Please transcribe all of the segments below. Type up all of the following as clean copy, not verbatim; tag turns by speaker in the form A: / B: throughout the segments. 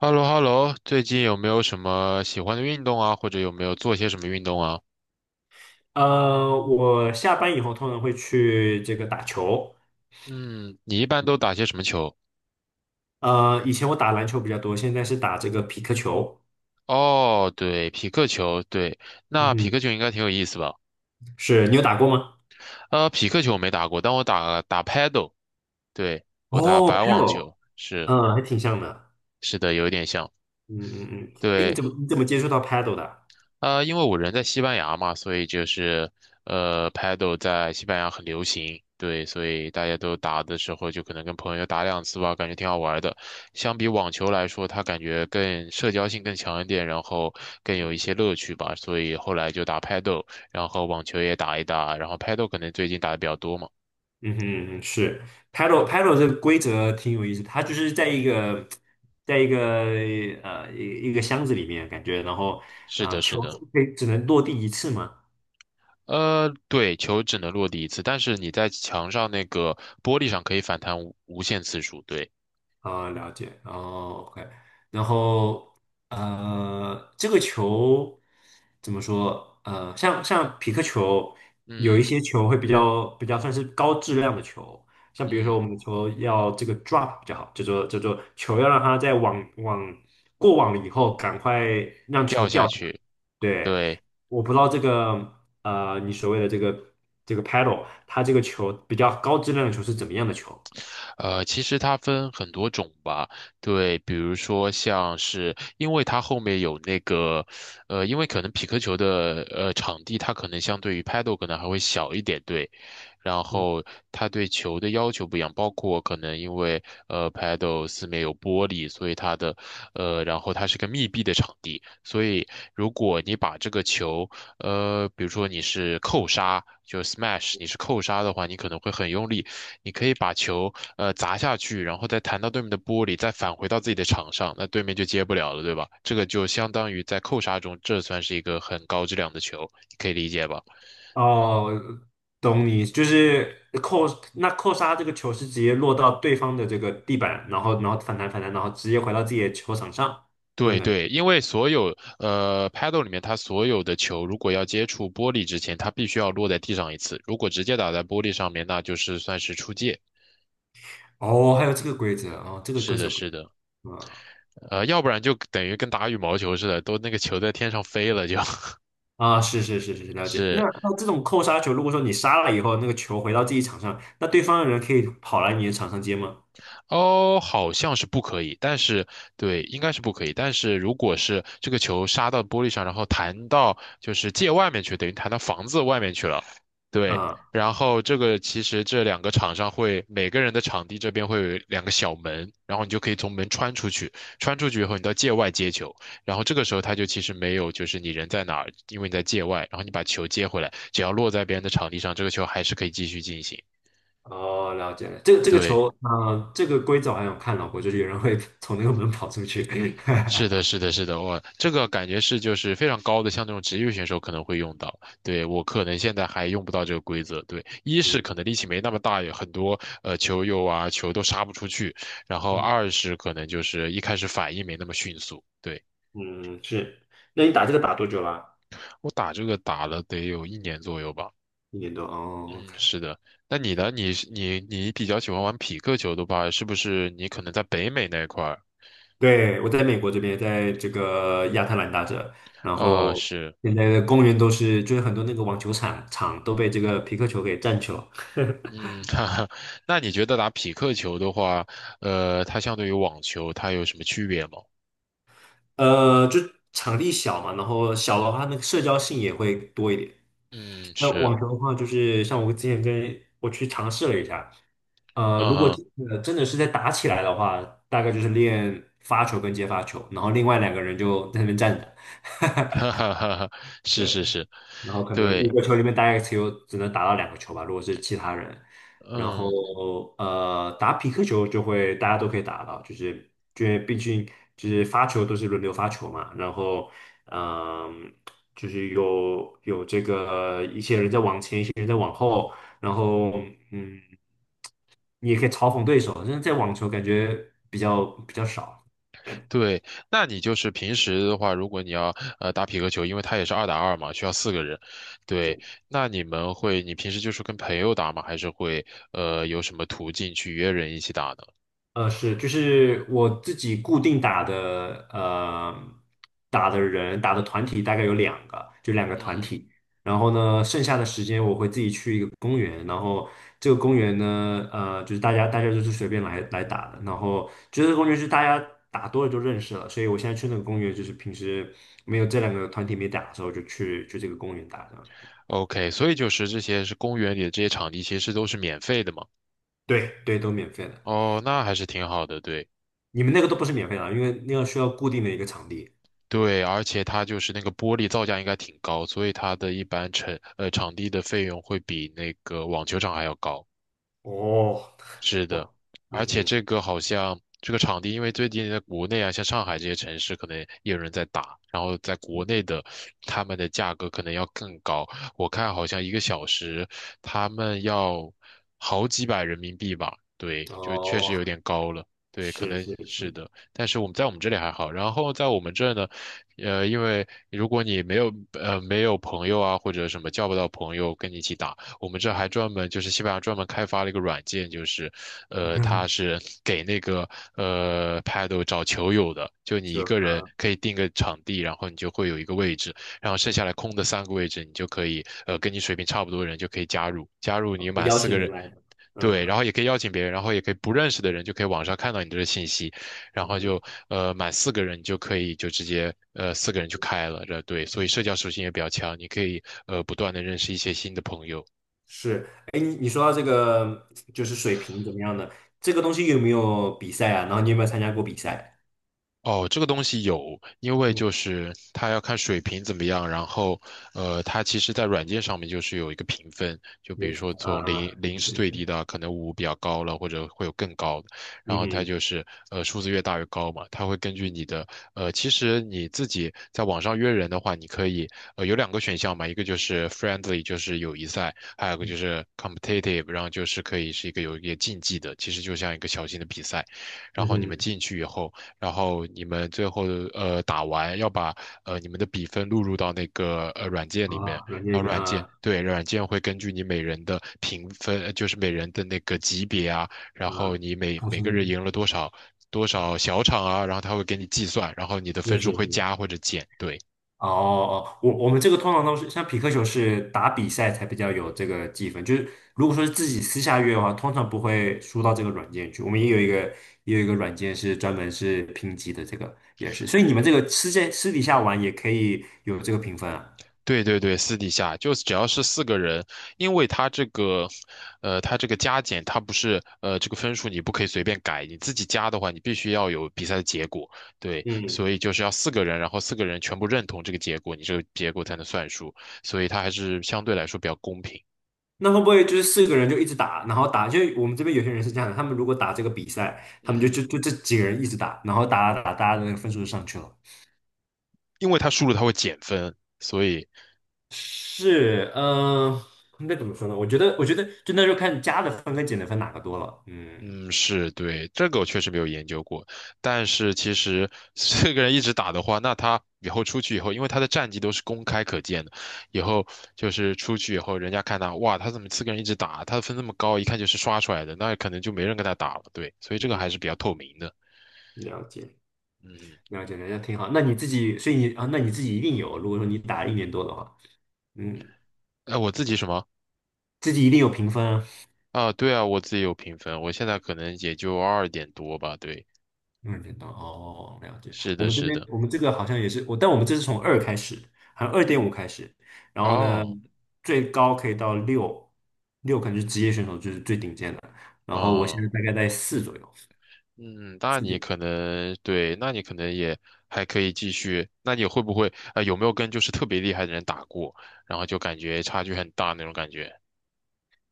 A: h e l l o h e l l o 最近有没有什么喜欢的运动啊？或者有没有做些什么运动啊？
B: 我下班以后通常会去这个打球。
A: 嗯，你一般都打些什么球？
B: 以前我打篮球比较多，现在是打这个匹克球。
A: 哦，对，匹克球，对，那匹
B: 嗯，
A: 克球应该挺有意思吧？
B: 是你有打过吗？
A: 匹克球我没打过，但我打打 paddle，对，我打
B: 哦
A: 白网
B: ，paddle，
A: 球，是。
B: 嗯，还挺像的。
A: 是的，有一点像。
B: 嗯嗯嗯，哎，你
A: 对，
B: 怎么你怎么接触到 paddle 的啊？
A: 因为我人在西班牙嘛，所以就是Paddle 在西班牙很流行，对，所以大家都打的时候就可能跟朋友打两次吧，感觉挺好玩的。相比网球来说，它感觉更社交性更强一点，然后更有一些乐趣吧，所以后来就打 Paddle，然后网球也打一打，然后 Paddle 可能最近打的比较多嘛。
B: 嗯哼，是 paddle 这个规则挺有意思，它就是在一个在一个一个箱子里面感觉，然后
A: 是的，是
B: 球
A: 的。
B: 可以只能落地一次嘛。
A: 对，球只能落地一次，但是你在墙上那个玻璃上可以反弹无限次数，对，
B: 啊，了解，哦，OK，然后这个球怎么说？呃，像像匹克球，有一
A: 嗯
B: 些球会比较算是高质量的球，像比如
A: 嗯
B: 说
A: 嗯。
B: 我们的球要这个 drop 比较好，叫做球要让它在过网了以后，赶快让球
A: 掉
B: 掉
A: 下
B: 下来
A: 去。
B: 对，
A: 对，
B: 我不知道这个你所谓的这个这个 paddle，它这个球比较高质量的球是怎么样的球？
A: 其实它分很多种吧，对，比如说像是，因为它后面有那个，因为可能匹克球的场地它可能相对于 Paddle 可能还会小一点，对，然后它对球的要求不一样，包括可能因为Paddle 四面有玻璃，所以它的然后它是个密闭的场地，所以如果你把这个球比如说你是扣杀，就是 smash，你是扣杀的话，你可能会很用力，你可以把球砸下去，然后再弹到对面的玻璃，再返回到自己的场上，那对面就接不了了，对吧？这个就相当于在扣杀中，这算是一个很高质量的球，你可以理解吧？
B: 哦，懂你，就是扣，那扣杀这个球是直接落到对方的这个地板，然后反弹，然后直接回到自己的球场上，这种
A: 对
B: 感觉。
A: 对，因为所有paddle 里面，它所有的球如果要接触玻璃之前，它必须要落在地上一次。如果直接打在玻璃上面，那就是算是出界。
B: 哦，还有这个规则哦，这个
A: 是
B: 规则
A: 的，
B: 不
A: 是的，
B: 啊
A: 要不然就等于跟打羽毛球似的，都那个球在天上飞了就。
B: 啊，是，了解。那
A: 是。
B: 那这种扣杀球，如果说你杀了以后，那个球回到自己场上，那对方的人可以跑来你的场上接吗？
A: 哦，好像是不可以，但是对，应该是不可以。但是如果是这个球杀到玻璃上，然后弹到就是界外面去，等于弹到房子外面去了，对。
B: 啊、
A: 然后这个其实这两个场上会每个人的场地这边会有两个小门，然后你就可以从门穿出去，穿出去以后你到界外接球，然后这个时候他就其实没有就是你人在哪儿，因为你在界外，然后你把球接回来，只要落在别人的场地上，这个球还是可以继续进行。
B: 哦，了解了。这个这个
A: 对。
B: 球，啊、这个规则我好像有看到过，就是有人会 从那个门跑出去。
A: 是的，是的，是的，我这个感觉是就是非常高的，像那种职业选手可能会用到。对，我可能现在还用不到这个规则。对，一是可能力气没那么大，有很多球友啊，球都杀不出去，然后
B: 嗯
A: 二是可能就是一开始反应没那么迅速。对，
B: 嗯，是。那你打这个打多久啦？
A: 我打这个打了得有一年左右吧。
B: 一年多。哦
A: 嗯，
B: ，OK。
A: 是的。那你呢？你是你你比较喜欢玩匹克球的话，是不是你可能在北美那一块儿？
B: 对，我在美国这边，在这个亚特兰大这，然
A: 啊、
B: 后
A: 是。
B: 现在的公园都是，就是很多那个网球场都被这个皮克球给占去了。
A: 嗯，哈哈，那你觉得打匹克球的话，它相对于网球，它有什么区别吗？
B: 呃，就场地小嘛，然后小的话，那个社交性也会多一点。
A: 嗯，
B: 那
A: 是，
B: 网球的话，就是像我之前跟我去尝试了一下，呃，
A: 嗯
B: 如果
A: 哼，
B: 真的是在打起来的话，大概就是练发球跟接发球，然后另外两个人就在那边站着。
A: 哈哈哈哈，是
B: 对。
A: 是是，
B: 然后可能五
A: 对，
B: 个球里面大概只能打到两个球吧，如果是其他人。然
A: 嗯
B: 后打匹克球就会大家都可以打到，就是因为毕竟就是发球都是轮流发球嘛，然后嗯、就是有这个一些人在往前，一些人在往后，然后嗯，你也可以嘲讽对手，但是在网球感觉比较少。
A: 对，那你就是平时的话，如果你要打匹克球，因为它也是二打二嘛，需要四个人，对，那你们会，你平时就是跟朋友打吗？还是会有什么途径去约人一起打呢？
B: 是，就是我自己固定打的，打的人打的团体大概有两个，就两个
A: 嗯
B: 团
A: 嗯
B: 体。然后呢，剩下的时间我会自己去一个公园，然后这个公园呢，呃，就是大家就是随便来打的。然后就是这个公园就是大家打多了就认识了，所以我现在去那个公园，就是平时没有这两个团体没打的时候，就去这个公园打这样
A: ，OK，所以就是这些是公园里的这些场地，其实都是免费的嘛。
B: 对对，都免费的。
A: 哦，那还是挺好的，对
B: 你们那个都不是免费的，因为那个需要固定的一个场地。
A: 对，而且它就是那个玻璃造价应该挺高，所以它的一般场地的费用会比那个网球场还要高。
B: 哦，
A: 是的，
B: 哇，
A: 而
B: 嗯
A: 且
B: 哼，
A: 这个好像这个场地，因为最近在国内啊，像上海这些城市，可能也有人在打，然后在国内的他们的价格可能要更高。我看好像一个小时他们要好几百人民币吧，对，就确实
B: 哦，
A: 有点高了。对，可
B: 是
A: 能
B: 是是，
A: 是的，但是我们在我们这里还好，然后在我们这呢，因为如果你没有没有朋友啊，或者什么叫不到朋友跟你一起打，我们这还专门就是西班牙专门开发了一个软件，就是它是给那个Paddle 找球友的，就你一
B: 就
A: 个人
B: 啊，
A: 可以定个场地，然后你就会有一个位置，然后剩下来
B: 嗯
A: 空的三个位置，你就可以跟你水平差不多的人就可以加入，加入你满
B: 邀
A: 四个
B: 请
A: 人。
B: 人来的，
A: 对，然
B: 嗯
A: 后也可以邀请别人，然后也可以不认识的人就可以网上看到你这个信息，然后
B: 嗯，
A: 就满四个人你就可以就直接四个人就开了，这对，所以社交属性也比较强，你可以不断的认识一些新的朋友。
B: 是，哎，你你说到这个就是水平怎么样的，这个东西有没有比赛啊？然后你有没有参加过比赛？
A: 哦，这个东西有，因为
B: 嗯，
A: 就是它要看水平怎么样，然后，它其实在软件上面就是有一个评分，就比
B: 有
A: 如说从
B: 啊，
A: 零
B: 对
A: 是
B: 对
A: 最
B: 对，
A: 低的，可能五比较高了，或者会有更高的，然
B: 嗯
A: 后它
B: 哼
A: 就是数字越大越高嘛，它会根据你的其实你自己在网上约人的话，你可以有两个选项嘛，一个就是 friendly，就是友谊赛，还有一个就是 competitive，然后就是可以是一个有一个竞技的，其实就像一个小型的比赛，然
B: 嗯
A: 后你们
B: 哼，
A: 进去以后。然后你们最后打完要把你们的比分录入到那个软件里面，
B: 啊，软件
A: 然
B: 里
A: 后
B: 面
A: 软件，
B: 啊
A: 对，软件会根据你每人的评分，就是每人的那个级别啊，然后
B: 啊，
A: 你每
B: 创
A: 每个人
B: 新
A: 赢了多少多
B: 啊，
A: 少小场啊，然后他会给你计算，然后你的
B: 是
A: 分数
B: 是
A: 会
B: 是，
A: 加或者减，对。
B: 哦哦，我我们这个通常都是像匹克球是打比赛才比较有这个积分，就是如果说是自己私下约的话，通常不会输到这个软件去。我们也有一个也有一个软件是专门是评级的，这个也是。所以你们这个私在私底下玩也可以有这个评分啊。
A: 对对对，私底下就是只要是四个人，因为他这个，他这个加减，他不是这个分数你不可以随便改，你自己加的话，你必须要有比赛的结果，对，
B: 嗯，
A: 所以就是要四个人，然后四个人全部认同这个结果，你这个结果才能算数，所以他还是相对来说比较公平。
B: 那会不会就是四个人就一直打，然后打？就我们这边有些人是这样的，他们如果打这个比赛，
A: 嗯
B: 他们就
A: 嗯，
B: 就就这几个人一直打，然后打打打，大家的那个分数就上去了。
A: 因为他输了他会减分，所以
B: 是，嗯、应该怎么说呢？我觉得，我觉得就那时候看加的分跟减的分哪个多了。嗯
A: 嗯，是对，这个我确实没有研究过，但是其实四 个人一直打的话，那他以后出去以后，因为他的战绩都是公开可见的，以后就是出去以后，人家看他，哇，他怎么四个人一直打，他的分那么高，一看就是刷出来的，那可能就没人跟他打了，对，所以这
B: 嗯
A: 个
B: 嗯，
A: 还是比较透明的。
B: 了解。
A: 嗯，
B: 了解，了解，挺好。那你自己，所以你啊，那你自己一定有。如果说你打一年多的话，嗯，
A: 哎，我自己什么
B: 自己一定有评分啊。
A: 啊？对啊，我自己有评分，我现在可能也就二点多吧，对，
B: 嗯，点多哦，了解。
A: 是
B: 我
A: 的，
B: 们这
A: 是
B: 边，
A: 的，
B: 我们这个好像也是我，但我们这是从二开始，好像二点五开始，然后呢，
A: 哦，
B: 最高可以到六，六可能是职业选手，就是最顶尖的。然后我现在
A: 哦。
B: 大概在四左右。
A: 嗯，那
B: 四
A: 你
B: 点。
A: 可能对，那你可能也还可以继续。那你会不会有没有跟就是特别厉害的人打过，然后就感觉差距很大那种感觉？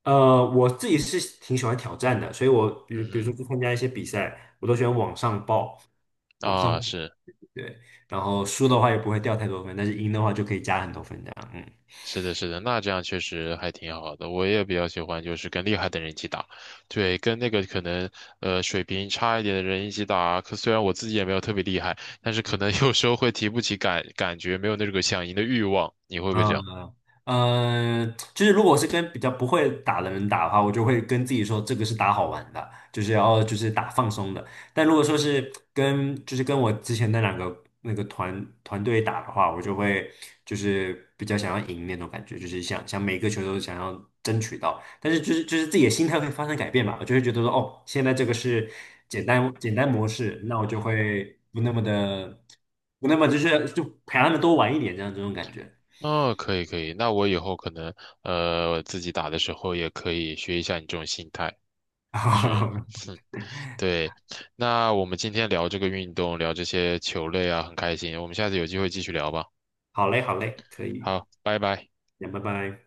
B: 我自己是挺喜欢挑战的，所以我比如
A: 嗯
B: 说去参加一些比赛，我都喜欢往上报，
A: 嗯，
B: 往上
A: 啊，是。
B: 对，然后输的话也不会掉太多分，但是赢的话就可以加很多分这样，嗯。
A: 是的，是的，那这样确实还挺好的。我也比较喜欢就是跟厉害的人一起打，对，跟那个可能水平差一点的人一起打。可虽然我自己也没有特别厉害，但是可能有时候会提不起感觉，没有那个想赢的欲望。你会不会这样？
B: 嗯呃，就是如果我是跟比较不会打的人打的话，我就会跟自己说这个是打好玩的，就是打放松的。但如果说是跟就是跟我之前那两个那个团队打的话，我就会就是比较想要赢那种感觉，就是想每个球都想要争取到。但是就是自己的心态会发生改变嘛，我就会觉得说哦，现在这个是简单模式，那我就会不那么就陪他们多玩一点这样这种感觉。
A: 哦，可以可以，那我以后可能自己打的时候也可以学一下你这种心态，是，哼，对。那我们今天聊这个运动，聊这些球类啊，很开心，我们下次有机会继续聊吧。
B: 好嘞，好嘞，可以，
A: 好，拜拜。
B: 那拜拜。